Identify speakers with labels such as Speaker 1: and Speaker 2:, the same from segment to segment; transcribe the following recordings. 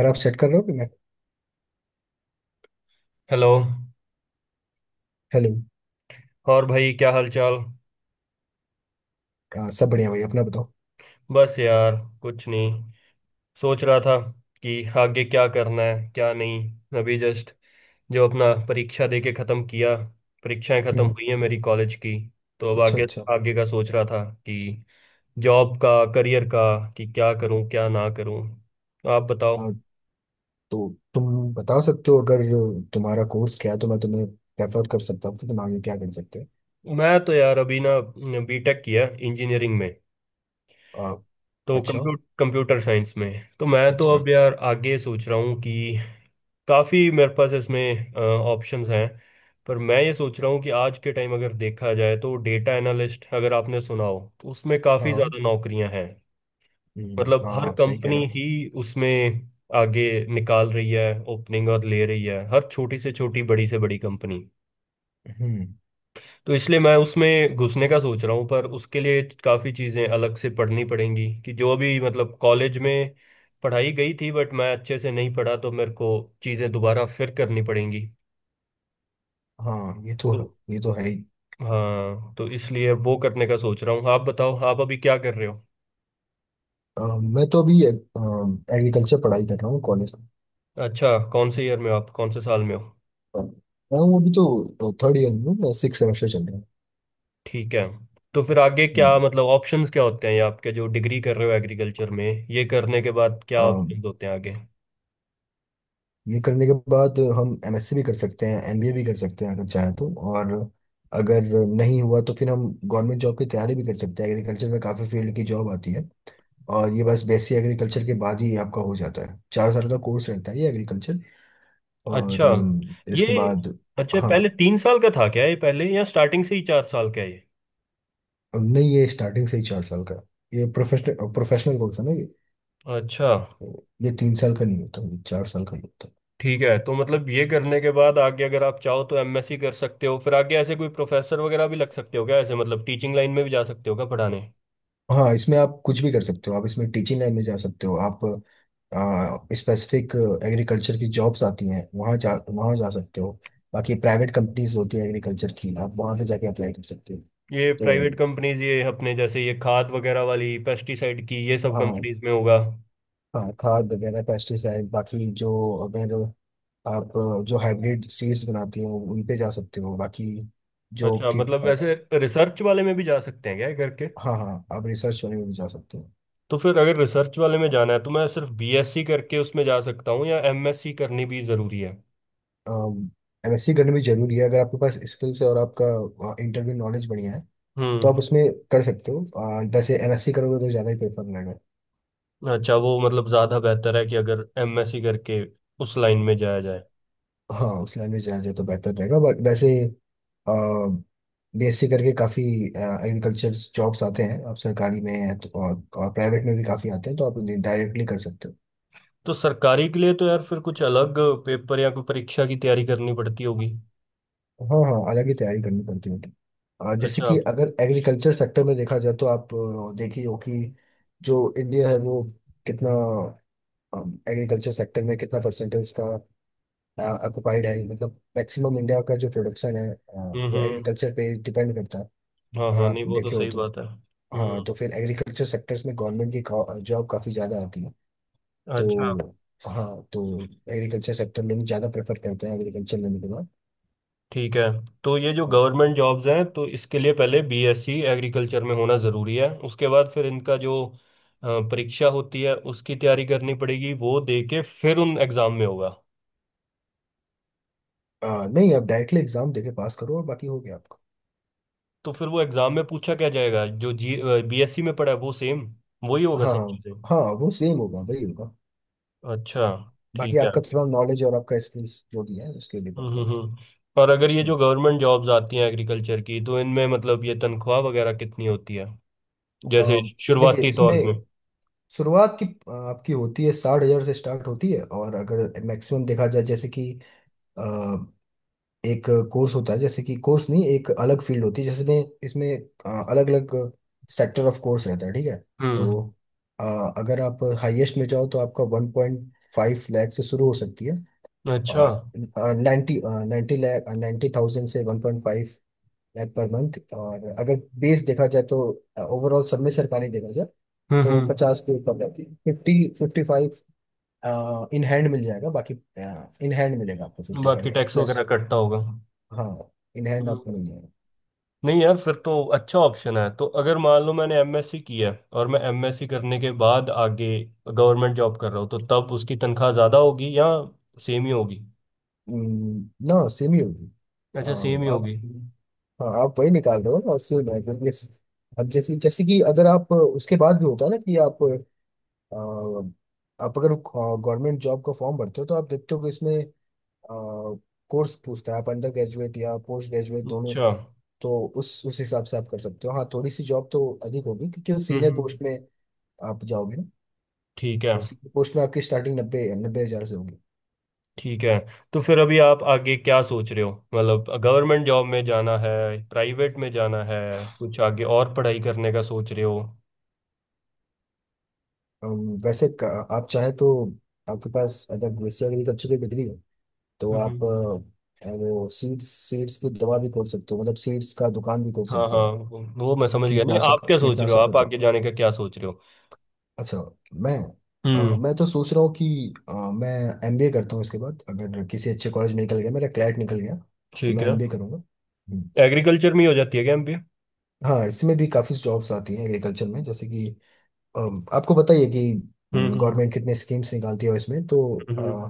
Speaker 1: यार, आप सेट कर रहे हो कि मैं।
Speaker 2: हेलो।
Speaker 1: हेलो।
Speaker 2: और भाई क्या हाल चाल।
Speaker 1: हाँ, सब बढ़िया भाई, अपना बताओ।
Speaker 2: बस यार कुछ नहीं, सोच रहा था कि आगे क्या करना है क्या नहीं। अभी जस्ट जो अपना परीक्षा दे के ख़त्म किया, परीक्षाएं ख़त्म
Speaker 1: हम्म।
Speaker 2: हुई हैं मेरी कॉलेज की। तो अब
Speaker 1: अच्छा
Speaker 2: आगे
Speaker 1: अच्छा।
Speaker 2: आगे का सोच रहा था कि जॉब का, करियर का, कि क्या करूं क्या ना करूं। आप बताओ।
Speaker 1: आ, तो तुम बता सकते हो, अगर तुम्हारा कोर्स क्या है तो मैं तुम्हें रेफर कर सकता हूँ कि तुम आगे क्या कर सकते
Speaker 2: मैं तो यार अभी ना बीटेक किया इंजीनियरिंग में,
Speaker 1: हो।
Speaker 2: तो
Speaker 1: अच्छा।
Speaker 2: कंप्यूटर कंप्यूटर साइंस में। तो मैं तो
Speaker 1: अच्छा।
Speaker 2: अब यार आगे सोच रहा हूँ कि काफ़ी मेरे पास इसमें ऑप्शंस हैं, पर मैं ये सोच रहा हूँ कि आज के टाइम अगर देखा जाए तो डेटा एनालिस्ट, अगर आपने सुना हो तो, उसमें काफ़ी
Speaker 1: हाँ।
Speaker 2: ज़्यादा नौकरियां हैं। मतलब हर
Speaker 1: हाँ, आप सही कह रहे
Speaker 2: कंपनी
Speaker 1: हो।
Speaker 2: ही उसमें आगे निकाल रही है ओपनिंग और ले रही है, हर छोटी से छोटी बड़ी से बड़ी कंपनी।
Speaker 1: हम्म।
Speaker 2: तो इसलिए मैं उसमें घुसने का सोच रहा हूँ, पर उसके लिए काफ़ी चीज़ें अलग से पढ़नी पड़ेंगी कि जो अभी मतलब कॉलेज में पढ़ाई गई थी बट मैं अच्छे से नहीं पढ़ा, तो मेरे को चीज़ें दोबारा फिर करनी पड़ेंगी।
Speaker 1: हाँ, ये तो है।
Speaker 2: तो
Speaker 1: ये तो है ही।
Speaker 2: हाँ, तो इसलिए वो करने का सोच रहा हूँ। आप बताओ आप अभी क्या कर रहे हो।
Speaker 1: मैं तो अभी एग्रीकल्चर पढ़ाई कर रहा हूँ कॉलेज में।
Speaker 2: अच्छा, कौन से ईयर में हो आप, कौन से साल में हो।
Speaker 1: आ, मैं हूँ अभी तो थर्ड ईयर में, 6 सेमेस्टर चल
Speaker 2: ठीक है। तो फिर आगे क्या मतलब ऑप्शंस क्या होते हैं ये आपके, जो डिग्री कर रहे हो एग्रीकल्चर में, ये करने के बाद क्या
Speaker 1: रहा है।
Speaker 2: ऑप्शंस होते हैं आगे।
Speaker 1: ये करने के बाद हम एमएससी भी कर सकते हैं, एमबीए भी कर सकते हैं अगर चाहे तो। और अगर नहीं हुआ तो फिर हम गवर्नमेंट जॉब की तैयारी भी कर सकते हैं। एग्रीकल्चर में काफ़ी फील्ड की जॉब आती है। और ये बस बेसिक एग्रीकल्चर के बाद ही आपका हो जाता है। 4 साल का कोर्स रहता है ये एग्रीकल्चर। और
Speaker 2: अच्छा, ये,
Speaker 1: इसके बाद।
Speaker 2: अच्छा
Speaker 1: हाँ।
Speaker 2: पहले तीन साल का था क्या ये पहले, या स्टार्टिंग से ही चार साल का है ये।
Speaker 1: अब नहीं, ये स्टार्टिंग से ही 4 साल का है। ये प्रोफेशनल प्रोफेशनल कोर्स है ना ये।
Speaker 2: अच्छा।
Speaker 1: ये 3 साल का नहीं होता, ये 4 साल का ही होता है।
Speaker 2: ठीक है, तो मतलब ये करने के बाद आगे अगर आप चाहो तो एमएससी कर सकते हो, फिर आगे ऐसे कोई प्रोफेसर वगैरह भी लग सकते हो क्या ऐसे, मतलब टीचिंग लाइन में भी जा सकते हो क्या पढ़ाने।
Speaker 1: हाँ, इसमें आप कुछ भी कर सकते हो। आप इसमें टीचिंग लाइन में जा सकते हो। आप स्पेसिफिक एग्रीकल्चर की जॉब्स आती हैं, वहाँ जा सकते हो। बाकी प्राइवेट कंपनीज होती है एग्रीकल्चर की, आप वहाँ पे जाके अप्लाई कर सकते हो
Speaker 2: ये
Speaker 1: तो।
Speaker 2: प्राइवेट कंपनीज ये अपने जैसे ये खाद वगैरह वाली, पेस्टिसाइड की, ये सब
Speaker 1: हाँ
Speaker 2: कंपनीज में होगा।
Speaker 1: हाँ, खाद वगैरह पेस्टिसाइड, बाकी जो, अगर आप जो हाइब्रिड सीड्स बनाती हो उन पे जा सकते हो। बाकी जो
Speaker 2: अच्छा, मतलब
Speaker 1: किट।
Speaker 2: वैसे रिसर्च वाले में भी जा सकते हैं क्या ये करके।
Speaker 1: हाँ हाँ, आप रिसर्च वाले में भी जा सकते
Speaker 2: तो फिर अगर रिसर्च वाले में जाना है तो मैं सिर्फ बीएससी करके उसमें जा सकता हूँ या एमएससी करनी भी ज़रूरी है।
Speaker 1: हो। एमएससी करना भी जरूरी है अगर आपके पास स्किल्स है और आपका इंटरव्यू नॉलेज बढ़िया है तो
Speaker 2: हम्म।
Speaker 1: आप उसमें कर सकते हो। वैसे एमएससी करोगे तो ज़्यादा ही प्रेफर रहेगा।
Speaker 2: अच्छा, वो मतलब ज़्यादा बेहतर है कि अगर एमएससी करके उस लाइन में जाया जाए।
Speaker 1: हाँ, उस लाइन में जाए तो बेहतर रहेगा, बट वैसे बीएससी करके काफ़ी एग्रीकल्चर जॉब्स आते हैं। आप सरकारी में हैं तो, और प्राइवेट में भी काफ़ी आते हैं तो आप डायरेक्टली कर सकते हो।
Speaker 2: तो सरकारी के लिए तो यार फिर कुछ अलग पेपर या कोई परीक्षा की तैयारी करनी पड़ती होगी।
Speaker 1: हाँ हाँ, अलग ही तैयारी करनी पड़ती होगी। जैसे
Speaker 2: अच्छा।
Speaker 1: कि अगर एग्रीकल्चर सेक्टर में देखा जाए तो आप देखिए हो कि जो इंडिया है वो कितना एग्रीकल्चर सेक्टर में कितना परसेंटेज का ऑक्यूपाइड है, मतलब मैक्सिमम इंडिया का जो प्रोडक्शन है, वो
Speaker 2: हम्म।
Speaker 1: एग्रीकल्चर पे डिपेंड करता है।
Speaker 2: हाँ
Speaker 1: अगर
Speaker 2: हाँ, नहीं
Speaker 1: आप
Speaker 2: वो तो
Speaker 1: देखे हो
Speaker 2: सही
Speaker 1: तो।
Speaker 2: बात है।
Speaker 1: हाँ,
Speaker 2: हम्म।
Speaker 1: तो फिर एग्रीकल्चर सेक्टर्स में गवर्नमेंट की जॉब काफ़ी ज़्यादा आती है
Speaker 2: अच्छा।
Speaker 1: तो। हाँ। तो एग्रीकल्चर सेक्टर लोग ज़्यादा प्रेफर करते हैं एग्रीकल्चर लेने के बाद।
Speaker 2: ठीक है, तो ये जो गवर्नमेंट जॉब्स हैं तो इसके लिए पहले बीएससी एग्रीकल्चर में होना ज़रूरी है, उसके बाद फिर इनका जो परीक्षा होती है उसकी तैयारी करनी पड़ेगी, वो दे के फिर उन एग्ज़ाम में होगा।
Speaker 1: अ, नहीं, आप डायरेक्टली एग्जाम देके पास करो और बाकी हो गया आपका।
Speaker 2: तो फिर वो एग्ज़ाम में पूछा क्या जाएगा, जो जी बीएससी में पढ़ा है वो सेम वही होगा
Speaker 1: हाँ
Speaker 2: सब
Speaker 1: हाँ।
Speaker 2: चीज़ें।
Speaker 1: हाँ, वो सेम होगा, वही होगा।
Speaker 2: अच्छा,
Speaker 1: बाकी
Speaker 2: ठीक है।
Speaker 1: आपका थोड़ा नॉलेज और आपका स्किल्स जो भी है उसके
Speaker 2: हम्म
Speaker 1: डिपेंड
Speaker 2: हम्म
Speaker 1: करता
Speaker 2: हम्म। और अगर ये
Speaker 1: है।
Speaker 2: जो गवर्नमेंट जॉब्स आती हैं एग्रीकल्चर की तो इनमें मतलब ये तनख्वाह वगैरह कितनी होती है जैसे
Speaker 1: हम्म। देखिए
Speaker 2: शुरुआती तौर
Speaker 1: इसमें
Speaker 2: में।
Speaker 1: शुरुआत की आपकी होती है, 60,000 से स्टार्ट होती है। और अगर मैक्सिमम देखा जाए, जैसे कि अ, एक कोर्स होता है, जैसे कि कोर्स नहीं, एक अलग फील्ड होती है जिसमें इसमें अलग अलग सेक्टर ऑफ कोर्स रहता है। ठीक है। तो
Speaker 2: हम्म।
Speaker 1: अ, अगर आप हाईएस्ट में जाओ तो आपका 1.5 लाख से शुरू हो सकती है।
Speaker 2: अच्छा।
Speaker 1: और नाइन्टी 90 लाख, 90,000 से 1.5 लाख पर मंथ। और अगर बेस देखा जाए तो ओवरऑल सब में, सरकारी देखा जाए तो
Speaker 2: हम्म।
Speaker 1: 50 के ऊपर रहती है। फिफ्टी 55 इन हैंड मिल जाएगा, बाकी इन हैंड मिलेगा आपको फिफ्टी
Speaker 2: बाकी
Speaker 1: फाइव
Speaker 2: टैक्स
Speaker 1: प्लस।
Speaker 2: वगैरह कटता होगा। हम्म।
Speaker 1: हाँ, इन हैंड आपको मिल जाएगा।
Speaker 2: नहीं यार फिर तो अच्छा ऑप्शन है। तो अगर मान लो मैंने एमएससी किया है और मैं एमएससी करने के बाद आगे गवर्नमेंट जॉब कर रहा हूँ, तो तब उसकी तनख्वाह ज़्यादा होगी या सेम ही होगी।
Speaker 1: ना, सेम ही होगी।
Speaker 2: अच्छा सेम ही
Speaker 1: हाँ, आप।
Speaker 2: होगी।
Speaker 1: वही निकाल रहे हो ना, और सेम है क्योंकि अब जैसे, जैसे कि अगर आप उसके बाद भी होता है ना कि आप, अ, आप अगर गवर्नमेंट जॉब का फॉर्म भरते हो तो आप देखते हो कि इसमें कोर्स पूछता है, आप अंडर ग्रेजुएट या पोस्ट ग्रेजुएट दोनों।
Speaker 2: अच्छा।
Speaker 1: तो उस हिसाब से आप कर सकते हो। हाँ, थोड़ी सी जॉब तो अधिक होगी क्योंकि वो
Speaker 2: हम्म
Speaker 1: सीनियर
Speaker 2: हम्म,
Speaker 1: पोस्ट में आप जाओगे।
Speaker 2: ठीक है।
Speaker 1: तो उसी की पोस्ट में आपकी स्टार्टिंग नब्बे 90,000 से होगी।
Speaker 2: ठीक है, तो फिर अभी आप आगे क्या सोच रहे हो, मतलब गवर्नमेंट जॉब में जाना है, प्राइवेट में जाना है, कुछ आगे और पढ़ाई करने का सोच रहे हो।
Speaker 1: अम, वैसे आप चाहे तो, आपके पास अगर बीएससी एग्रीकल्चर की डिग्री है तो
Speaker 2: हम्म।
Speaker 1: आप वो सीड्स सीड्स की दवा भी खोल सकते हो, मतलब सीड्स का दुकान भी खोल
Speaker 2: हाँ
Speaker 1: सकते हो
Speaker 2: हाँ,
Speaker 1: आप।
Speaker 2: वो मैं समझ गया। नहीं आप
Speaker 1: कीटनाशक
Speaker 2: क्या सोच रहे हो,
Speaker 1: कीटनाशक है
Speaker 2: आप
Speaker 1: तो
Speaker 2: आगे जाने का क्या सोच रहे हो।
Speaker 1: अच्छा। मैं
Speaker 2: हम्म।
Speaker 1: मैं तो सोच रहा हूँ कि मैं एमबीए करता हूँ इसके बाद, अगर किसी अच्छे कॉलेज में निकल गया, मेरा क्लैट निकल गया तो
Speaker 2: ठीक
Speaker 1: मैं
Speaker 2: है।
Speaker 1: एमबीए करूँगा। हम्म।
Speaker 2: एग्रीकल्चर में ही हो जाती है क्या एमबी।
Speaker 1: हाँ, इसमें भी काफ़ी जॉब्स आती हैं एग्रीकल्चर में। जैसे कि आपको बताइए कि
Speaker 2: हम्म हम्म
Speaker 1: गवर्नमेंट कितने स्कीम्स निकालती है इसमें तो। अ,
Speaker 2: हम्म,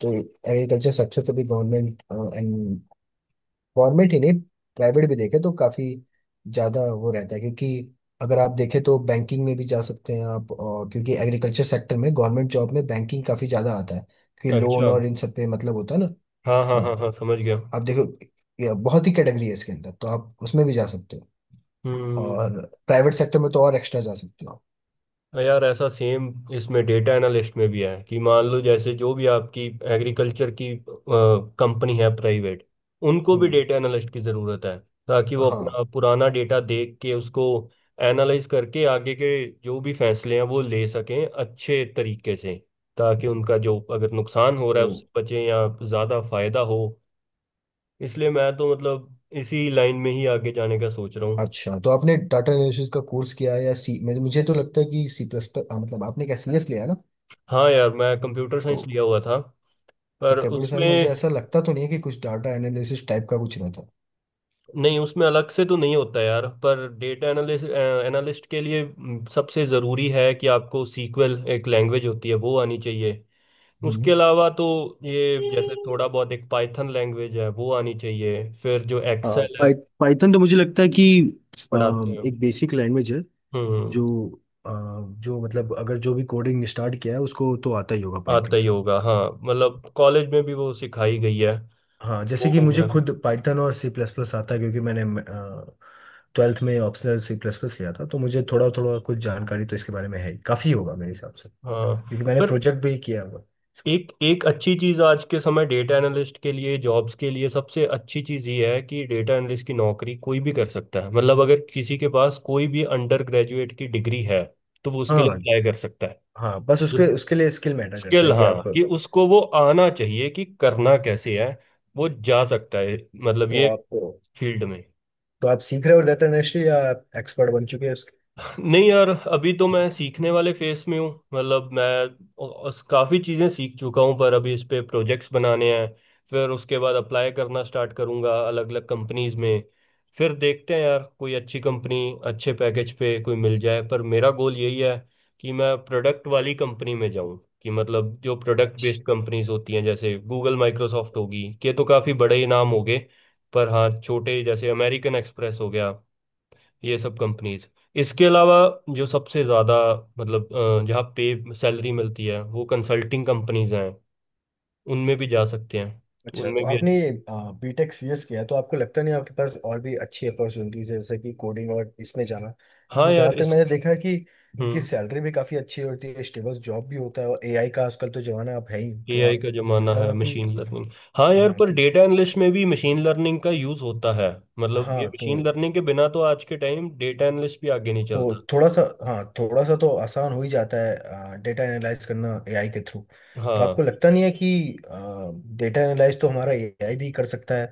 Speaker 1: तो एग्रीकल्चर सेक्टर से भी गवर्नमेंट ही नहीं, प्राइवेट भी देखे तो काफ़ी ज़्यादा वो रहता है। क्योंकि अगर आप देखें तो बैंकिंग में भी जा सकते हैं आप, और क्योंकि एग्रीकल्चर सेक्टर में गवर्नमेंट जॉब में बैंकिंग काफ़ी ज़्यादा आता है क्योंकि लोन
Speaker 2: अच्छा।
Speaker 1: और इन सब पे मतलब होता है ना।
Speaker 2: हाँ हाँ
Speaker 1: हाँ।
Speaker 2: हाँ हाँ, समझ गया।
Speaker 1: आप देखो, ये बहुत ही कैटेगरी है इसके अंदर, तो आप उसमें भी जा सकते हो।
Speaker 2: हम्म।
Speaker 1: और प्राइवेट सेक्टर में तो और एक्स्ट्रा जा सकते हो आप।
Speaker 2: हाँ यार ऐसा सेम इसमें डेटा एनालिस्ट में भी है कि मान लो जैसे जो भी आपकी एग्रीकल्चर की कंपनी है प्राइवेट, उनको भी
Speaker 1: हम्म।
Speaker 2: डेटा एनालिस्ट की ज़रूरत है ताकि वो
Speaker 1: हाँ
Speaker 2: अपना पुराना डेटा देख के उसको एनालाइज करके आगे के जो भी फैसले हैं वो ले सकें अच्छे तरीके से, ताकि उनका जो अगर नुकसान हो रहा
Speaker 1: तो
Speaker 2: है उससे बचें या ज़्यादा फायदा हो। इसलिए मैं तो मतलब इसी लाइन में ही आगे जाने का सोच रहा हूँ।
Speaker 1: अच्छा, तो आपने डाटा एनालिसिस का कोर्स किया है या सी, मुझे मुझे तो लगता है कि सी प्लस प्लस, हाँ, मतलब आपने क्या सी एस लिया है ना।
Speaker 2: हाँ यार मैं कंप्यूटर
Speaker 1: तो
Speaker 2: साइंस लिया हुआ था, पर
Speaker 1: कंप्यूटर साइंस मुझे
Speaker 2: उसमें,
Speaker 1: ऐसा लगता तो नहीं है कि कुछ डाटा एनालिसिस टाइप का कुछ रहता।
Speaker 2: नहीं उसमें अलग से तो नहीं होता यार, पर डेटा एनालिस्ट एनालिस्ट के लिए सबसे ज़रूरी है कि आपको सीक्वल, एक लैंग्वेज होती है वो आनी चाहिए। उसके
Speaker 1: हम्म।
Speaker 2: अलावा तो ये जैसे थोड़ा बहुत एक पाइथन लैंग्वेज है वो आनी चाहिए, फिर जो एक्सेल है
Speaker 1: पाइथन तो मुझे लगता है कि अ,
Speaker 2: पढ़ाते हैं।
Speaker 1: एक बेसिक लैंग्वेज है
Speaker 2: हम्म।
Speaker 1: जो, अ, जो मतलब अगर जो भी कोडिंग स्टार्ट किया है उसको तो आता ही होगा।
Speaker 2: आता ही होगा हाँ, मतलब कॉलेज में भी वो सिखाई गई है,
Speaker 1: हाँ, जैसे
Speaker 2: वो
Speaker 1: कि
Speaker 2: हो
Speaker 1: मुझे
Speaker 2: गया।
Speaker 1: खुद पाइथन और सी प्लस प्लस आता है क्योंकि मैंने 12वीं में ऑप्शनल सी प्लस प्लस लिया था तो मुझे थोड़ा थोड़ा कुछ जानकारी तो इसके बारे में है ही। काफ़ी होगा मेरे हिसाब से
Speaker 2: हाँ,
Speaker 1: क्योंकि मैंने
Speaker 2: पर
Speaker 1: प्रोजेक्ट भी किया हुआ।
Speaker 2: एक एक अच्छी चीज़ आज के समय डेटा एनालिस्ट के लिए, जॉब्स के लिए सबसे अच्छी चीज़ ये है कि डेटा एनालिस्ट की नौकरी कोई भी कर सकता है, मतलब अगर किसी के पास कोई भी अंडर ग्रेजुएट की डिग्री है तो वो उसके
Speaker 1: हाँ
Speaker 2: लिए अप्लाई कर सकता है।
Speaker 1: हाँ, बस
Speaker 2: जो
Speaker 1: उसके उसके लिए स्किल मैटर करता
Speaker 2: स्किल,
Speaker 1: है कि आप।
Speaker 2: हाँ कि उसको वो आना चाहिए कि करना कैसे है, वो जा सकता है मतलब
Speaker 1: तो
Speaker 2: ये
Speaker 1: आप
Speaker 2: फील्ड में।
Speaker 1: तो आप सीख रहे हो डेटा एनालिस्ट, या आप एक्सपर्ट बन चुके हो?
Speaker 2: नहीं यार अभी तो मैं सीखने वाले फेस में हूँ, मतलब मैं काफ़ी चीज़ें सीख चुका हूँ पर अभी इस पे प्रोजेक्ट्स बनाने हैं। फिर उसके बाद अप्लाई करना स्टार्ट करूँगा अलग अलग कंपनीज में, फिर देखते हैं यार कोई अच्छी कंपनी अच्छे पैकेज पे कोई मिल जाए। पर मेरा गोल यही है कि मैं प्रोडक्ट वाली कंपनी में जाऊँ, कि मतलब जो प्रोडक्ट
Speaker 1: उसके
Speaker 2: बेस्ड कंपनीज होती हैं जैसे गूगल माइक्रोसॉफ्ट होगी, के तो काफ़ी बड़े ही नाम हो गए, पर हाँ छोटे जैसे अमेरिकन एक्सप्रेस हो गया ये सब कंपनीज, इसके अलावा जो सबसे ज़्यादा मतलब जहाँ पे सैलरी मिलती है वो कंसल्टिंग कंपनीज हैं, उनमें भी जा सकते हैं, तो
Speaker 1: अच्छा,
Speaker 2: उनमें
Speaker 1: तो
Speaker 2: भी।
Speaker 1: आपने बीटेक सीएस किया, तो आपको लगता नहीं आपके पास और भी अच्छी अपॉर्चुनिटीज है, जैसे कि कोडिंग और इसमें जाना,
Speaker 2: हाँ
Speaker 1: क्योंकि
Speaker 2: यार
Speaker 1: जहाँ तक
Speaker 2: इस,
Speaker 1: मैंने देखा है कि इनकी
Speaker 2: हम्म,
Speaker 1: सैलरी भी काफ़ी अच्छी होती है, स्टेबल जॉब भी होता है, और एआई का आजकल तो जमाना आप है ही, तो
Speaker 2: एआई
Speaker 1: आप
Speaker 2: का जमाना
Speaker 1: देखा
Speaker 2: है,
Speaker 1: होगा कि।
Speaker 2: Machine learning. हाँ यार,
Speaker 1: हाँ
Speaker 2: पर
Speaker 1: कि।
Speaker 2: डेटा एनालिस्ट में भी मशीन लर्निंग का यूज़ होता है, मतलब ये
Speaker 1: हाँ
Speaker 2: मशीन लर्निंग के बिना तो आज के टाइम डेटा एनालिस्ट भी आगे नहीं चलता।
Speaker 1: तो थोड़ा सा, हाँ, थोड़ा सा तो आसान हो ही जाता है डेटा एनालाइज करना एआई के थ्रू। तो आपको
Speaker 2: हाँ।
Speaker 1: लगता नहीं है कि डेटा एनालाइज तो हमारा एआई भी कर सकता है,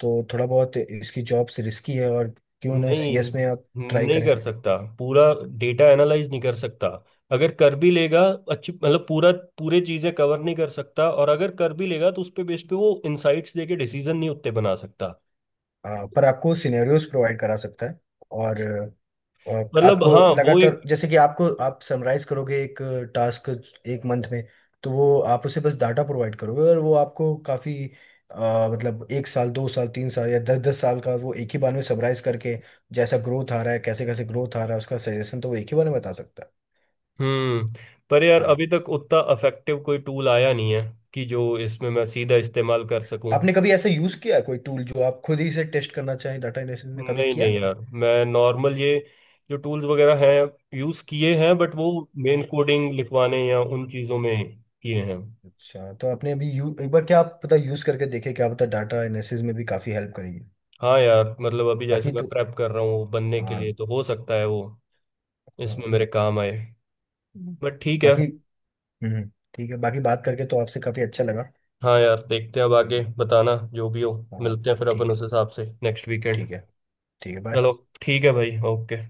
Speaker 1: तो थोड़ा बहुत इसकी जॉब से रिस्की है, और क्यों ना सीएस
Speaker 2: नहीं,
Speaker 1: में आप ट्राई
Speaker 2: नहीं
Speaker 1: करें?
Speaker 2: कर सकता पूरा डेटा एनालाइज नहीं कर सकता, अगर कर भी लेगा, अच्छी मतलब पूरा, पूरे चीजें कवर नहीं कर सकता, और अगर कर भी लेगा तो उस पे बेस पे वो इनसाइट्स देके डिसीजन नहीं उतने बना सकता।
Speaker 1: पर आपको सिनेरियोज प्रोवाइड करा सकता है। और और
Speaker 2: मतलब
Speaker 1: आपको
Speaker 2: हाँ अच्छा वो एक।
Speaker 1: लगातार, जैसे कि आपको आप समराइज करोगे एक टास्क एक मंथ में, तो वो आप उसे बस डाटा प्रोवाइड करोगे और वो आपको काफ़ी, मतलब 1 साल, 2 साल, 3 साल या दस दस साल का वो एक ही बार में समराइज करके, जैसा ग्रोथ आ रहा है, कैसे कैसे ग्रोथ आ रहा है, उसका सजेशन तो वो एक ही बार में बता सकता है।
Speaker 2: हम्म, पर यार
Speaker 1: हाँ।
Speaker 2: अभी तक उतना इफेक्टिव कोई टूल आया नहीं है कि जो इसमें मैं सीधा इस्तेमाल कर सकूं।
Speaker 1: आपने कभी ऐसा यूज़ किया है कोई टूल, जो आप खुद ही से टेस्ट करना चाहें डाटा एनालिसिस में? कभी
Speaker 2: नहीं
Speaker 1: किया है
Speaker 2: नहीं
Speaker 1: आपने?
Speaker 2: यार, मैं नॉर्मल ये जो टूल्स वगैरह हैं यूज किए हैं बट वो मेन कोडिंग लिखवाने या उन चीजों में किए हैं।
Speaker 1: अच्छा, तो आपने अभी यू एक बार, क्या आप पता यूज़ करके देखे, क्या पता डाटा एनालिसिस में भी काफ़ी हेल्प करेगी।
Speaker 2: हाँ यार मतलब अभी जैसे
Speaker 1: बाकी
Speaker 2: मैं
Speaker 1: तो।
Speaker 2: प्रेप कर रहा हूँ बनने के
Speaker 1: हाँ
Speaker 2: लिए तो हो सकता है वो इसमें
Speaker 1: हाँ।
Speaker 2: मेरे काम आए।
Speaker 1: हम्म।
Speaker 2: बट ठीक है।
Speaker 1: बाकी हम्म, ठीक है। बाकी बात करके तो आपसे काफी अच्छा लगा।
Speaker 2: हाँ यार, देखते हैं अब आगे
Speaker 1: हम्म,
Speaker 2: बताना जो भी हो,
Speaker 1: हाँ।
Speaker 2: मिलते हैं फिर
Speaker 1: ठीक
Speaker 2: अपन
Speaker 1: है।
Speaker 2: उस हिसाब से नेक्स्ट वीकेंड।
Speaker 1: ठीक है। ठीक है, बाय।
Speaker 2: चलो, ठीक है भाई ओके।